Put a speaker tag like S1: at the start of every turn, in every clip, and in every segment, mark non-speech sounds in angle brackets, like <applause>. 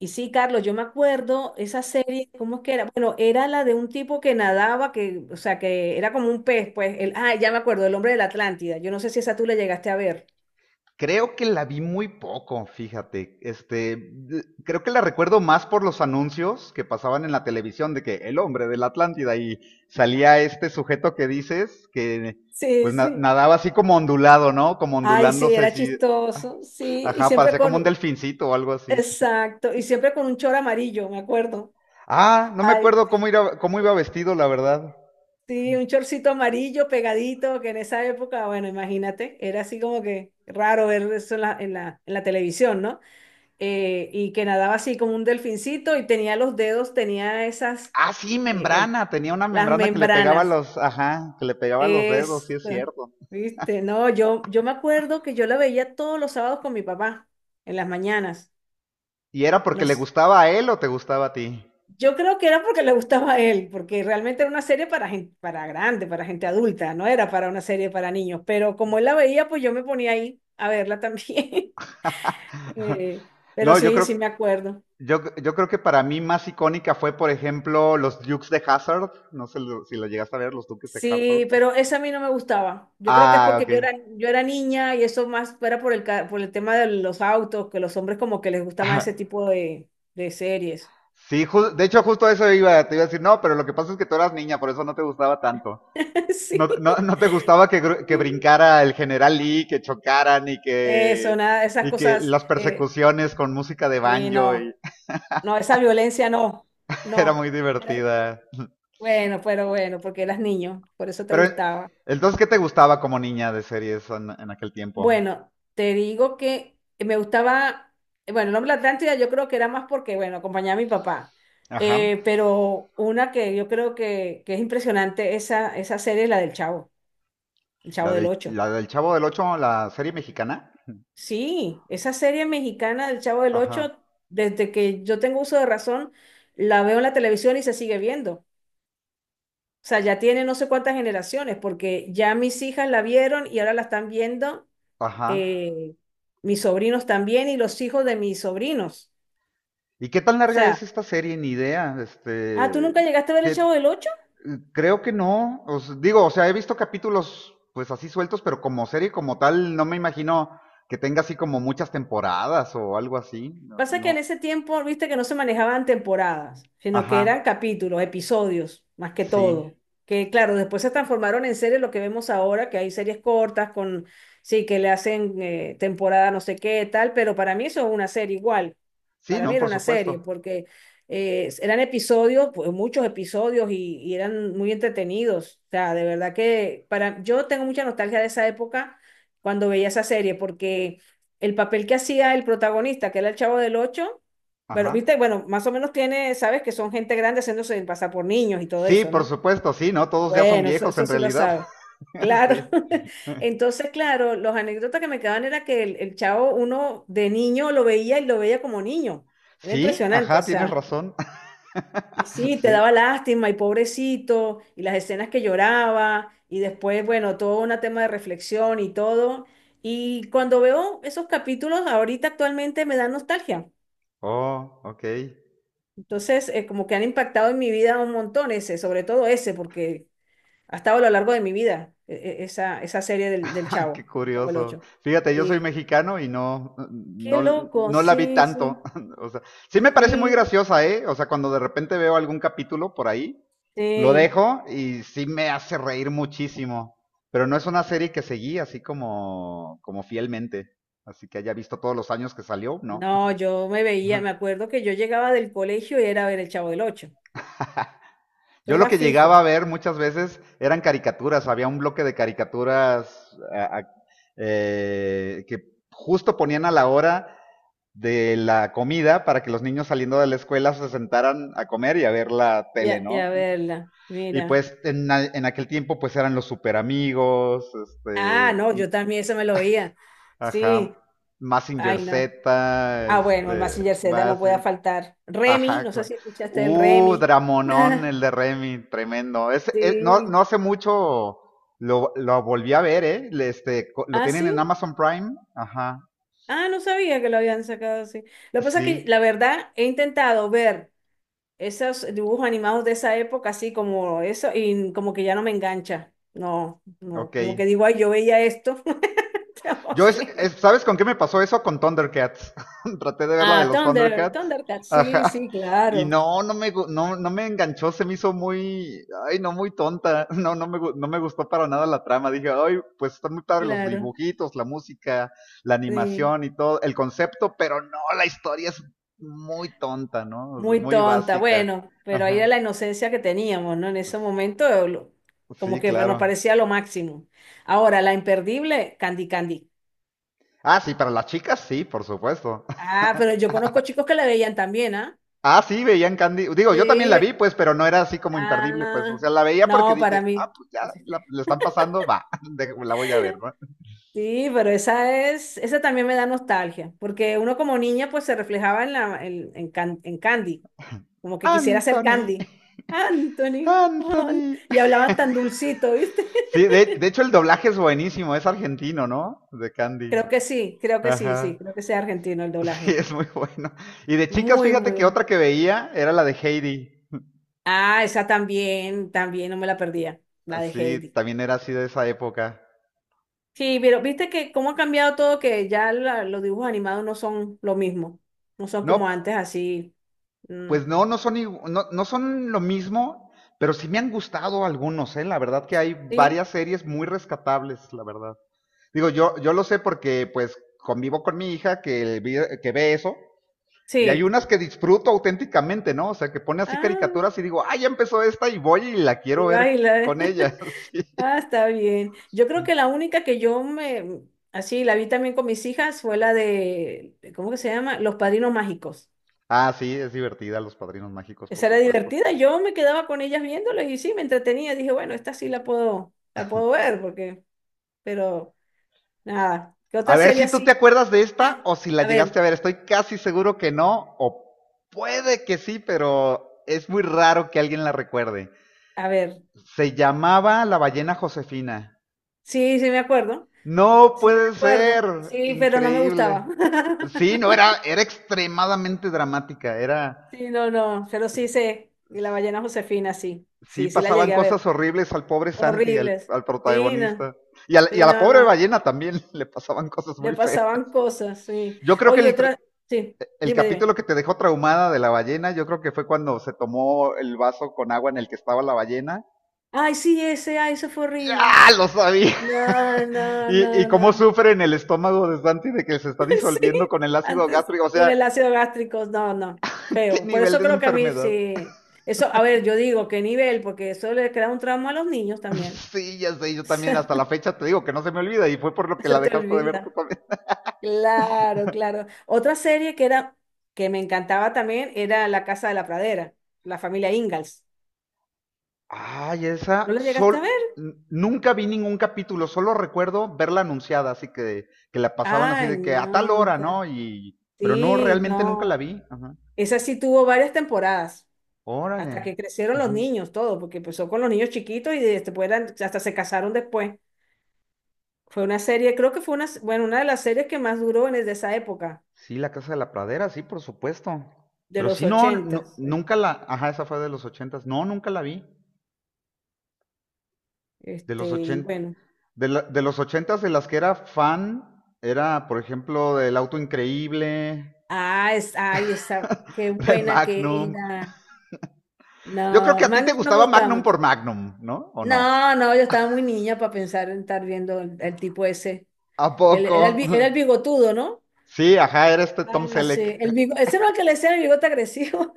S1: Y sí, Carlos, yo me acuerdo esa serie, ¿cómo es que era? Bueno, era la de un tipo que nadaba, que, o sea, que era como un pez, pues, ya me acuerdo, el hombre de la Atlántida. Yo no sé si esa tú la llegaste a ver.
S2: Creo que la vi muy poco, fíjate. Creo que la recuerdo más por los anuncios que pasaban en la televisión de que el hombre de la Atlántida y salía este sujeto que dices que pues
S1: Sí, sí.
S2: nadaba así como ondulado, ¿no? Como
S1: Ay, sí,
S2: ondulándose
S1: era
S2: así.
S1: chistoso, sí,
S2: Ajá, parecía como un delfincito o algo así.
S1: exacto, y siempre con un chor amarillo, me acuerdo.
S2: Ah, no me
S1: Ay,
S2: acuerdo cómo iba vestido, la verdad.
S1: sí, un chorcito amarillo pegadito, que en esa época, bueno, imagínate, era así como que raro ver eso en la televisión, ¿no? Y que nadaba así como un delfincito y tenía los dedos, tenía esas,
S2: Ah, sí,
S1: eh, eh,
S2: membrana. Tenía una
S1: las
S2: membrana que le pegaba a
S1: membranas.
S2: los, ajá, que le pegaba a los dedos, sí
S1: Es,
S2: es cierto.
S1: ¿Viste? No, yo me acuerdo que yo la veía todos los sábados con mi papá, en las mañanas.
S2: ¿Y era porque le
S1: Nos,
S2: gustaba a él o te gustaba a ti?
S1: yo creo que era porque le gustaba a él, porque realmente era una serie para gente, para grande, para gente adulta, no era para una serie para niños, pero como él la veía, pues yo me ponía ahí a verla también. <laughs>
S2: <laughs>
S1: Pero
S2: No, yo
S1: sí,
S2: creo,
S1: sí me acuerdo.
S2: yo creo que para mí más icónica fue, por ejemplo, los Dukes de Hazard. No sé si lo llegaste a ver, los Dukes de Hazard.
S1: Sí, pero esa a mí no me gustaba. Yo creo que es
S2: Ah,
S1: porque
S2: ok.
S1: yo era niña y eso más era por por el tema de los autos, que los hombres como que les gusta más ese
S2: <laughs>
S1: tipo de series.
S2: Sí, de hecho, justo eso iba, te iba a decir, no, pero lo que pasa es que tú eras niña, por eso no te gustaba tanto.
S1: <laughs>
S2: No,
S1: Sí.
S2: no, no te gustaba que, que
S1: Sí.
S2: brincara el General Lee, que chocaran
S1: Eso, nada, esas
S2: y que
S1: cosas.
S2: las persecuciones con música de
S1: Sí,
S2: banjo y
S1: no. No, esa violencia no.
S2: <laughs> era
S1: No.
S2: muy divertida.
S1: Bueno, pero bueno, porque eras niño, por eso te
S2: Pero
S1: gustaba.
S2: entonces, ¿qué te gustaba como niña de series en aquel tiempo?
S1: Bueno, te digo que me gustaba, bueno, el nombre de la Atlántida yo creo que era más porque, bueno, acompañaba a mi papá.
S2: Ajá.
S1: Pero una que yo creo que es impresionante, esa serie es la del Chavo, el Chavo del Ocho.
S2: La del Chavo del Ocho, la serie mexicana.
S1: Sí, esa serie mexicana del Chavo del
S2: Ajá,
S1: Ocho, desde que yo tengo uso de razón, la veo en la televisión y se sigue viendo. O sea, ya tiene no sé cuántas generaciones, porque ya mis hijas la vieron y ahora la están viendo
S2: ajá.
S1: eh, mis sobrinos también y los hijos de mis sobrinos.
S2: ¿Y qué tan
S1: O
S2: larga
S1: sea,
S2: es esta serie? Ni idea.
S1: ah, ¿tú
S2: Este,
S1: nunca llegaste a ver el
S2: te-
S1: Chavo del Ocho?
S2: creo que no. Os digo, o sea, he visto capítulos pues así sueltos, pero como serie como tal, no me imagino que tenga así como muchas temporadas o algo así. No,
S1: Pasa que en
S2: no.
S1: ese tiempo, viste que no se manejaban temporadas, sino que
S2: Ajá,
S1: eran capítulos, episodios, más que
S2: sí.
S1: todo. Que claro, después se transformaron en series lo que vemos ahora, que hay series cortas con, sí, que le hacen, temporada no sé qué, tal, pero para mí eso es una serie igual.
S2: Sí,
S1: Para mí
S2: no,
S1: era
S2: por
S1: una serie,
S2: supuesto.
S1: porque eran episodios, pues, muchos episodios y eran muy entretenidos. O sea, de verdad que yo tengo mucha nostalgia de esa época cuando veía esa serie, porque el papel que hacía el protagonista, que era el Chavo del Ocho, pero viste,
S2: Ajá.
S1: bueno, más o menos tiene, sabes que son gente grande haciéndose pasar por niños y todo
S2: Sí,
S1: eso,
S2: por
S1: ¿no?
S2: supuesto, sí, ¿no? Todos ya son
S1: Bueno, eso,
S2: viejos
S1: eso
S2: en
S1: sí lo
S2: realidad.
S1: sabes.
S2: <laughs> Sí.
S1: Claro. <laughs> Entonces, claro, los anécdotas que me quedaban era que el chavo, uno de niño lo veía y lo veía como niño. Era
S2: Sí,
S1: impresionante, o
S2: ajá, tienes
S1: sea.
S2: razón.
S1: Y sí,
S2: <laughs>
S1: te
S2: Sí.
S1: daba lástima y pobrecito, y las escenas que lloraba, y después, bueno, todo un tema de reflexión y todo. Y cuando veo esos capítulos, ahorita actualmente me dan nostalgia.
S2: Oh, ok. <laughs>
S1: Entonces, como que han impactado en mi vida un montón ese, sobre todo ese, porque ha estado a lo largo de mi vida, esa serie del
S2: Ah, qué
S1: Chavo el
S2: curioso.
S1: Ocho.
S2: Fíjate, yo soy
S1: Sí.
S2: mexicano y no,
S1: Qué
S2: no,
S1: loco,
S2: no la vi
S1: sí,
S2: tanto.
S1: sí,
S2: <laughs> O sea, sí me parece muy
S1: sí,
S2: graciosa, ¿eh? O sea, cuando de repente veo algún capítulo por ahí, lo
S1: sí.
S2: dejo y sí me hace reír muchísimo. Pero no es una serie que seguí así como, como fielmente. Así que haya visto todos los años que salió, ¿no?
S1: No, yo me veía, me
S2: <laughs>
S1: acuerdo que yo llegaba del colegio y era a ver el Chavo del Ocho. Tú
S2: Yo lo
S1: eras
S2: que llegaba a
S1: fijo.
S2: ver muchas veces eran caricaturas, había un bloque de caricaturas que justo ponían a la hora de la comida para que los niños saliendo de la escuela se sentaran a comer y a ver la tele,
S1: Ya,
S2: ¿no?
S1: ya verla,
S2: Y
S1: mira.
S2: pues en aquel tiempo pues eran los super amigos, este,
S1: Ah, no, yo también eso me lo oía.
S2: ajá,
S1: Sí,
S2: Massinger
S1: ay,
S2: Z,
S1: no. Ah, bueno, el
S2: este,
S1: Mazinger Z
S2: más,
S1: no puede faltar. Remy,
S2: ajá,
S1: no sé
S2: claro.
S1: si escuchaste el Remy.
S2: Dramonón, el de
S1: <laughs>
S2: Remy, tremendo. Es, no, no
S1: Sí.
S2: hace mucho lo volví a ver, ¿eh? Este, lo
S1: Ah,
S2: tienen en
S1: sí.
S2: Amazon Prime. Ajá,
S1: Ah, no sabía que lo habían sacado así. Lo que pasa es que,
S2: sí,
S1: la verdad, he intentado ver esos dibujos animados de esa época, así como eso, y como que ya no me engancha. No, no,
S2: ok.
S1: como que digo, ay, yo veía esto. <laughs> No
S2: Yo, es,
S1: sé.
S2: ¿sabes con qué me pasó eso? Con Thundercats. <laughs> Traté de ver la de
S1: Ah,
S2: los Thundercats.
S1: Thundercats, sí,
S2: Ajá.
S1: sí,
S2: Y
S1: claro,
S2: no, no no, no me enganchó, se me hizo muy, ay, no, muy tonta. <laughs> No, no no me gustó para nada la trama. Dije, ay, pues están muy padres los
S1: claro,
S2: dibujitos, la música, la
S1: sí,
S2: animación y todo, el concepto, pero no, la historia es muy tonta, ¿no? O sea,
S1: muy
S2: muy
S1: tonta,
S2: básica.
S1: bueno, pero ahí
S2: Ajá.
S1: era la inocencia que teníamos, ¿no? En ese momento, como
S2: Sí,
S1: que nos
S2: claro.
S1: parecía lo máximo. Ahora, la imperdible, Candy Candy.
S2: Ah, sí, para las chicas, sí, por supuesto.
S1: Ah,
S2: <laughs>
S1: pero yo conozco chicos que la veían también, ¿ah?
S2: Ah, sí, veían Candy. Digo, yo también la vi,
S1: Sí,
S2: pues, pero no era así como imperdible, pues. O
S1: ah,
S2: sea, la veía porque
S1: no, para
S2: dije, ah,
S1: mí.
S2: pues ya, la están pasando, va, <laughs> la voy a ver, ¿no?
S1: Sí, pero esa también me da nostalgia, porque uno como niña pues se reflejaba en la, en Can- en Candy. Como que quisiera ser
S2: Anthony,
S1: Candy. Anthony, Juan.
S2: Anthony.
S1: Y hablaban tan dulcito, ¿viste?
S2: Sí, de hecho el doblaje es buenísimo, es argentino, ¿no? De
S1: <laughs>
S2: Candy.
S1: Creo que sí, sí,
S2: Ajá. <laughs>
S1: creo que sea argentino el
S2: Sí,
S1: doblaje.
S2: es muy bueno. Y de chicas,
S1: Muy,
S2: fíjate
S1: muy
S2: que
S1: bueno.
S2: otra que veía era la de Heidi.
S1: Ah, esa también, también no me la perdía, la de
S2: Sí,
S1: Heidi.
S2: también era así de esa época.
S1: Sí, pero viste que cómo ha cambiado todo, que ya los dibujos animados no son lo mismo, no son como
S2: No,
S1: antes así. Mm.
S2: pues no, no son, no, no son lo mismo, pero sí me han gustado algunos, ¿eh? La verdad que hay
S1: ¿Sí?
S2: varias series muy rescatables, la verdad. Digo, yo lo sé porque pues convivo con mi hija que, que ve eso, y hay
S1: Sí.
S2: unas que disfruto auténticamente, ¿no? O sea, que pone así
S1: Ah,
S2: caricaturas y digo, ah, ya empezó esta y voy y la quiero
S1: y
S2: ver
S1: baila.
S2: con ella.
S1: <laughs> Ah,
S2: <laughs>
S1: está bien. Yo
S2: Sí.
S1: creo que la única que yo me, así, la vi también con mis hijas fue la de, ¿cómo que se llama? Los Padrinos Mágicos.
S2: Ah, sí, es divertida, Los Padrinos Mágicos, por
S1: Esa era
S2: supuesto.
S1: divertida. Yo me quedaba con ellas viéndola y sí, me entretenía. Dije, bueno, esta sí la puedo ver, porque, pero nada. ¿Qué
S2: A
S1: otra
S2: ver
S1: serie
S2: si tú te
S1: así?
S2: acuerdas de esta
S1: Ah,
S2: o si la
S1: a ver,
S2: llegaste a ver. Estoy casi seguro que no, o puede que sí, pero es muy raro que alguien la recuerde.
S1: a ver.
S2: Se llamaba La ballena Josefina.
S1: Sí, sí me acuerdo.
S2: No
S1: Sí me
S2: puede
S1: acuerdo.
S2: ser,
S1: Sí, pero no me gustaba.
S2: increíble. Sí, no,
S1: <laughs>
S2: era, era extremadamente dramática, era...
S1: Sí, no, no. Pero sí sé. Y la ballena Josefina, sí.
S2: Sí,
S1: Sí, sí la
S2: pasaban
S1: llegué a ver.
S2: cosas horribles al pobre Santi, al,
S1: Horribles.
S2: al
S1: Sí, no,
S2: protagonista. Y, y a
S1: sí,
S2: la
S1: no,
S2: pobre
S1: no.
S2: ballena también <laughs> le pasaban cosas
S1: Le
S2: muy feas.
S1: pasaban cosas, sí.
S2: Yo creo que
S1: Oye, otra, sí,
S2: el
S1: dime, dime.
S2: capítulo que te dejó traumada de la ballena, yo creo que fue cuando se tomó el vaso con agua en el que estaba la ballena.
S1: Ay, sí, ese, ay, eso fue horrible.
S2: ¡Ya! Lo sabía.
S1: No,
S2: <laughs>
S1: no,
S2: Y
S1: no,
S2: cómo
S1: no.
S2: sufre en el estómago de Santi de que se está
S1: <laughs> Sí,
S2: disolviendo con el ácido
S1: antes
S2: gástrico. O
S1: con
S2: sea,
S1: el ácido gástrico, no, no,
S2: qué
S1: feo. Por
S2: nivel
S1: eso
S2: de
S1: creo que a mí
S2: enfermedad.
S1: sí. Eso, a ver, yo digo, ¿qué nivel? Porque eso le crea un trauma a los niños también.
S2: <laughs> sí, ya sé, yo también hasta la
S1: <laughs>
S2: fecha te digo que no se me olvida y fue por lo que
S1: Se
S2: la
S1: te
S2: dejaste de ver tú
S1: olvida.
S2: también.
S1: Claro, claro. Otra serie que me encantaba también era La Casa de la Pradera, la familia Ingalls.
S2: Ay,
S1: ¿No
S2: esa
S1: la llegaste
S2: sol
S1: a ver?
S2: nunca vi ningún capítulo, solo recuerdo verla anunciada, así que la pasaban así
S1: Ay,
S2: de que a tal
S1: no.
S2: hora, ¿no? Y pero no,
S1: Sí,
S2: realmente nunca la
S1: no.
S2: vi. Ajá.
S1: Esa sí tuvo varias temporadas, hasta
S2: Órale.
S1: que crecieron los
S2: Ujú.
S1: niños, todo, porque empezó con los niños chiquitos y después hasta se casaron después. Fue una serie, creo que fue una, bueno, una de las series que más duró de esa época,
S2: Sí, La Casa de la Pradera, sí, por supuesto.
S1: de
S2: Pero
S1: los
S2: sí, no,
S1: 80.
S2: nunca la, ajá, esa fue de los ochentas. No, nunca la vi. De los
S1: Y
S2: ochenta,
S1: bueno.
S2: de de los ochentas de las que era fan, era, por ejemplo, del Auto Increíble,
S1: Ah, es, ay, esa, qué
S2: <laughs> de
S1: buena que
S2: Magnum.
S1: era.
S2: Yo creo que
S1: No,
S2: a ti te
S1: Magnum no me
S2: gustaba
S1: gustaba
S2: Magnum por
S1: mucho.
S2: Magnum, ¿no? ¿O no?
S1: No, no, yo estaba muy niña para pensar en estar viendo el tipo ese.
S2: ¿A
S1: El-
S2: poco?
S1: era, el,
S2: <laughs>
S1: bi- era el bigotudo, ¿no?
S2: Sí, ajá, era este Tom
S1: Ah, sí.
S2: Selleck,
S1: Ese no era el que le decían el bigote agresivo.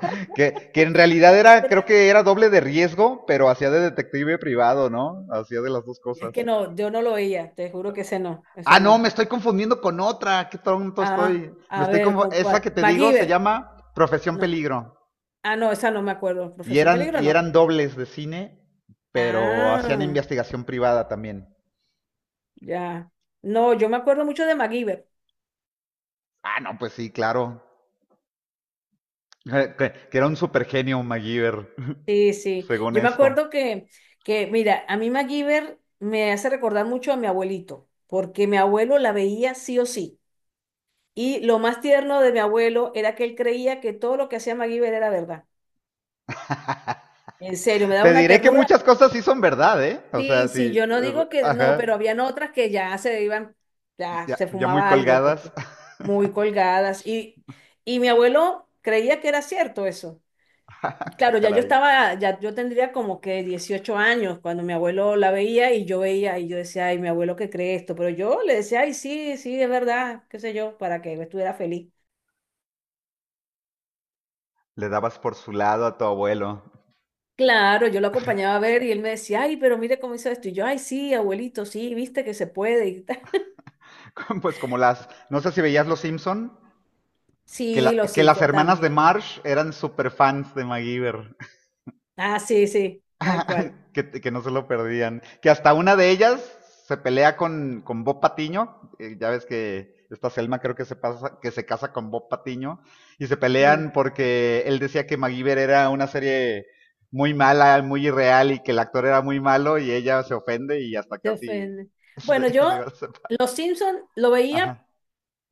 S2: <laughs> que en realidad
S1: <laughs>
S2: era, creo
S1: Creo.
S2: que era doble de riesgo, pero hacía de detective privado, ¿no? Hacía de las dos
S1: Es que
S2: cosas.
S1: no, yo no lo veía, te juro que ese no,
S2: Ah,
S1: ese
S2: no, me
S1: no.
S2: estoy confundiendo con otra, qué tonto
S1: Ah,
S2: estoy. Me
S1: a
S2: estoy
S1: ver, ¿con
S2: esa que
S1: cuál?
S2: te digo se
S1: MacGyver.
S2: llama Profesión
S1: No.
S2: Peligro.
S1: Ah, no, esa no me acuerdo. Profesión Peligro,
S2: Y
S1: no.
S2: eran dobles de cine, pero hacían
S1: Ah,
S2: investigación privada también.
S1: ya. No, yo me acuerdo mucho de MacGyver.
S2: Ah, no, pues sí, claro. <laughs> Que era un supergenio MacGyver. <laughs>
S1: Sí, sí.
S2: según
S1: Yo me
S2: esto.
S1: acuerdo que, mira, a mí MacGyver me hace recordar mucho a mi abuelito, porque mi abuelo la veía sí o sí. Y lo más tierno de mi abuelo era que él creía que todo lo que hacía MacGyver era verdad. En serio, me daba
S2: Te
S1: una
S2: diré que
S1: ternura.
S2: muchas cosas sí son verdad, ¿eh? O
S1: Sí,
S2: sea,
S1: sí,
S2: sí.
S1: yo no digo que no, pero
S2: Ajá.
S1: habían otras que ya se iban, ya
S2: Ya,
S1: se
S2: ya muy
S1: fumaba algo,
S2: colgadas.
S1: porque muy colgadas. Y mi abuelo creía que era cierto eso.
S2: <laughs> Qué
S1: Claro,
S2: caray.
S1: ya yo tendría como que 18 años cuando mi abuelo la veía y yo decía, ay, mi abuelo que cree esto, pero yo le decía, ay, sí, sí, es verdad, qué sé yo, para que estuviera feliz.
S2: Le dabas por su lado a tu abuelo.
S1: Claro, yo lo acompañaba a ver y él me decía, ay, pero mire cómo hizo esto. Y yo, ay, sí, abuelito, sí, viste que se puede. Y tal. <laughs>
S2: <laughs> Pues como las. No sé si veías Los Simpson. Que,
S1: Sí, los
S2: que las
S1: Simpson
S2: hermanas de
S1: también.
S2: Marsh eran super fans de MacGyver.
S1: Ah, sí, sí, tal cual.
S2: <laughs> Que no se lo perdían. Que hasta una de ellas se pelea con Bob Patiño. Ya ves que esta Selma creo que pasa, que se casa con Bob Patiño. Y se
S1: Mm,
S2: pelean porque él decía que MacGyver era una serie muy mala, muy irreal y que el actor era muy malo y ella se ofende y hasta
S1: te
S2: casi
S1: ofende.
S2: <laughs>
S1: Bueno,
S2: se iba
S1: yo
S2: a separar.
S1: los Simpson lo veía
S2: Ajá,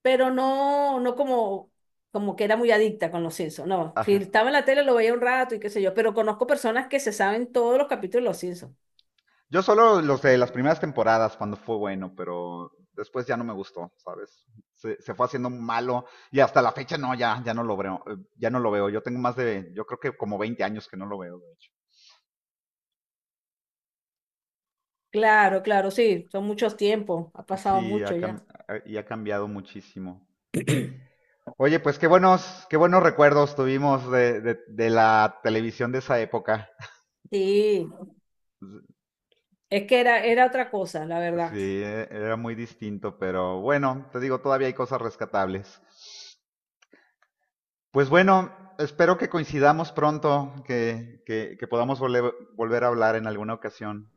S1: pero no, no como que era muy adicta con los Simpsons, no. Si
S2: ajá.
S1: estaba en la tele lo veía un rato y qué sé yo, pero conozco personas que se saben todos los capítulos de los Simpsons.
S2: Yo solo los
S1: Me
S2: de las
S1: encanta.
S2: primeras temporadas cuando fue bueno, pero después ya no me gustó, ¿sabes? Se fue haciendo malo y hasta la fecha no, ya, ya no lo veo, ya no lo veo. Yo tengo más de, yo creo que como 20 años que no lo veo, de hecho.
S1: Claro, claro, sí, son muchos tiempos, ha pasado
S2: Sí,
S1: mucho ya.
S2: y ha cambiado muchísimo. Oye, pues qué buenos recuerdos tuvimos de la televisión de esa época.
S1: Sí, es que era otra cosa, la verdad.
S2: Sí, era muy distinto, pero bueno, te digo, todavía hay cosas rescatables. Pues bueno, espero que coincidamos pronto, que podamos volver, volver a hablar en alguna ocasión.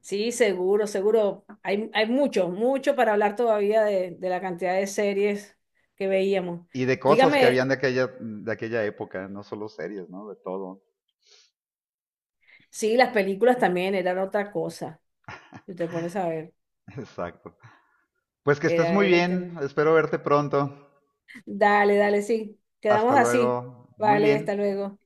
S1: Sí, seguro, seguro. Hay mucho, mucho para hablar todavía de la cantidad de series que veíamos.
S2: Y de cosas que habían
S1: Dígame,
S2: de aquella época, no solo series, ¿no? De todo.
S1: sí, las películas también eran otra cosa, si te pones a ver,
S2: <laughs> Exacto. Pues que estés
S1: era,
S2: muy
S1: era un tema.
S2: bien, espero verte pronto.
S1: Dale, dale, sí.
S2: Hasta
S1: Quedamos así.
S2: luego. Muy
S1: Vale, hasta
S2: bien.
S1: luego.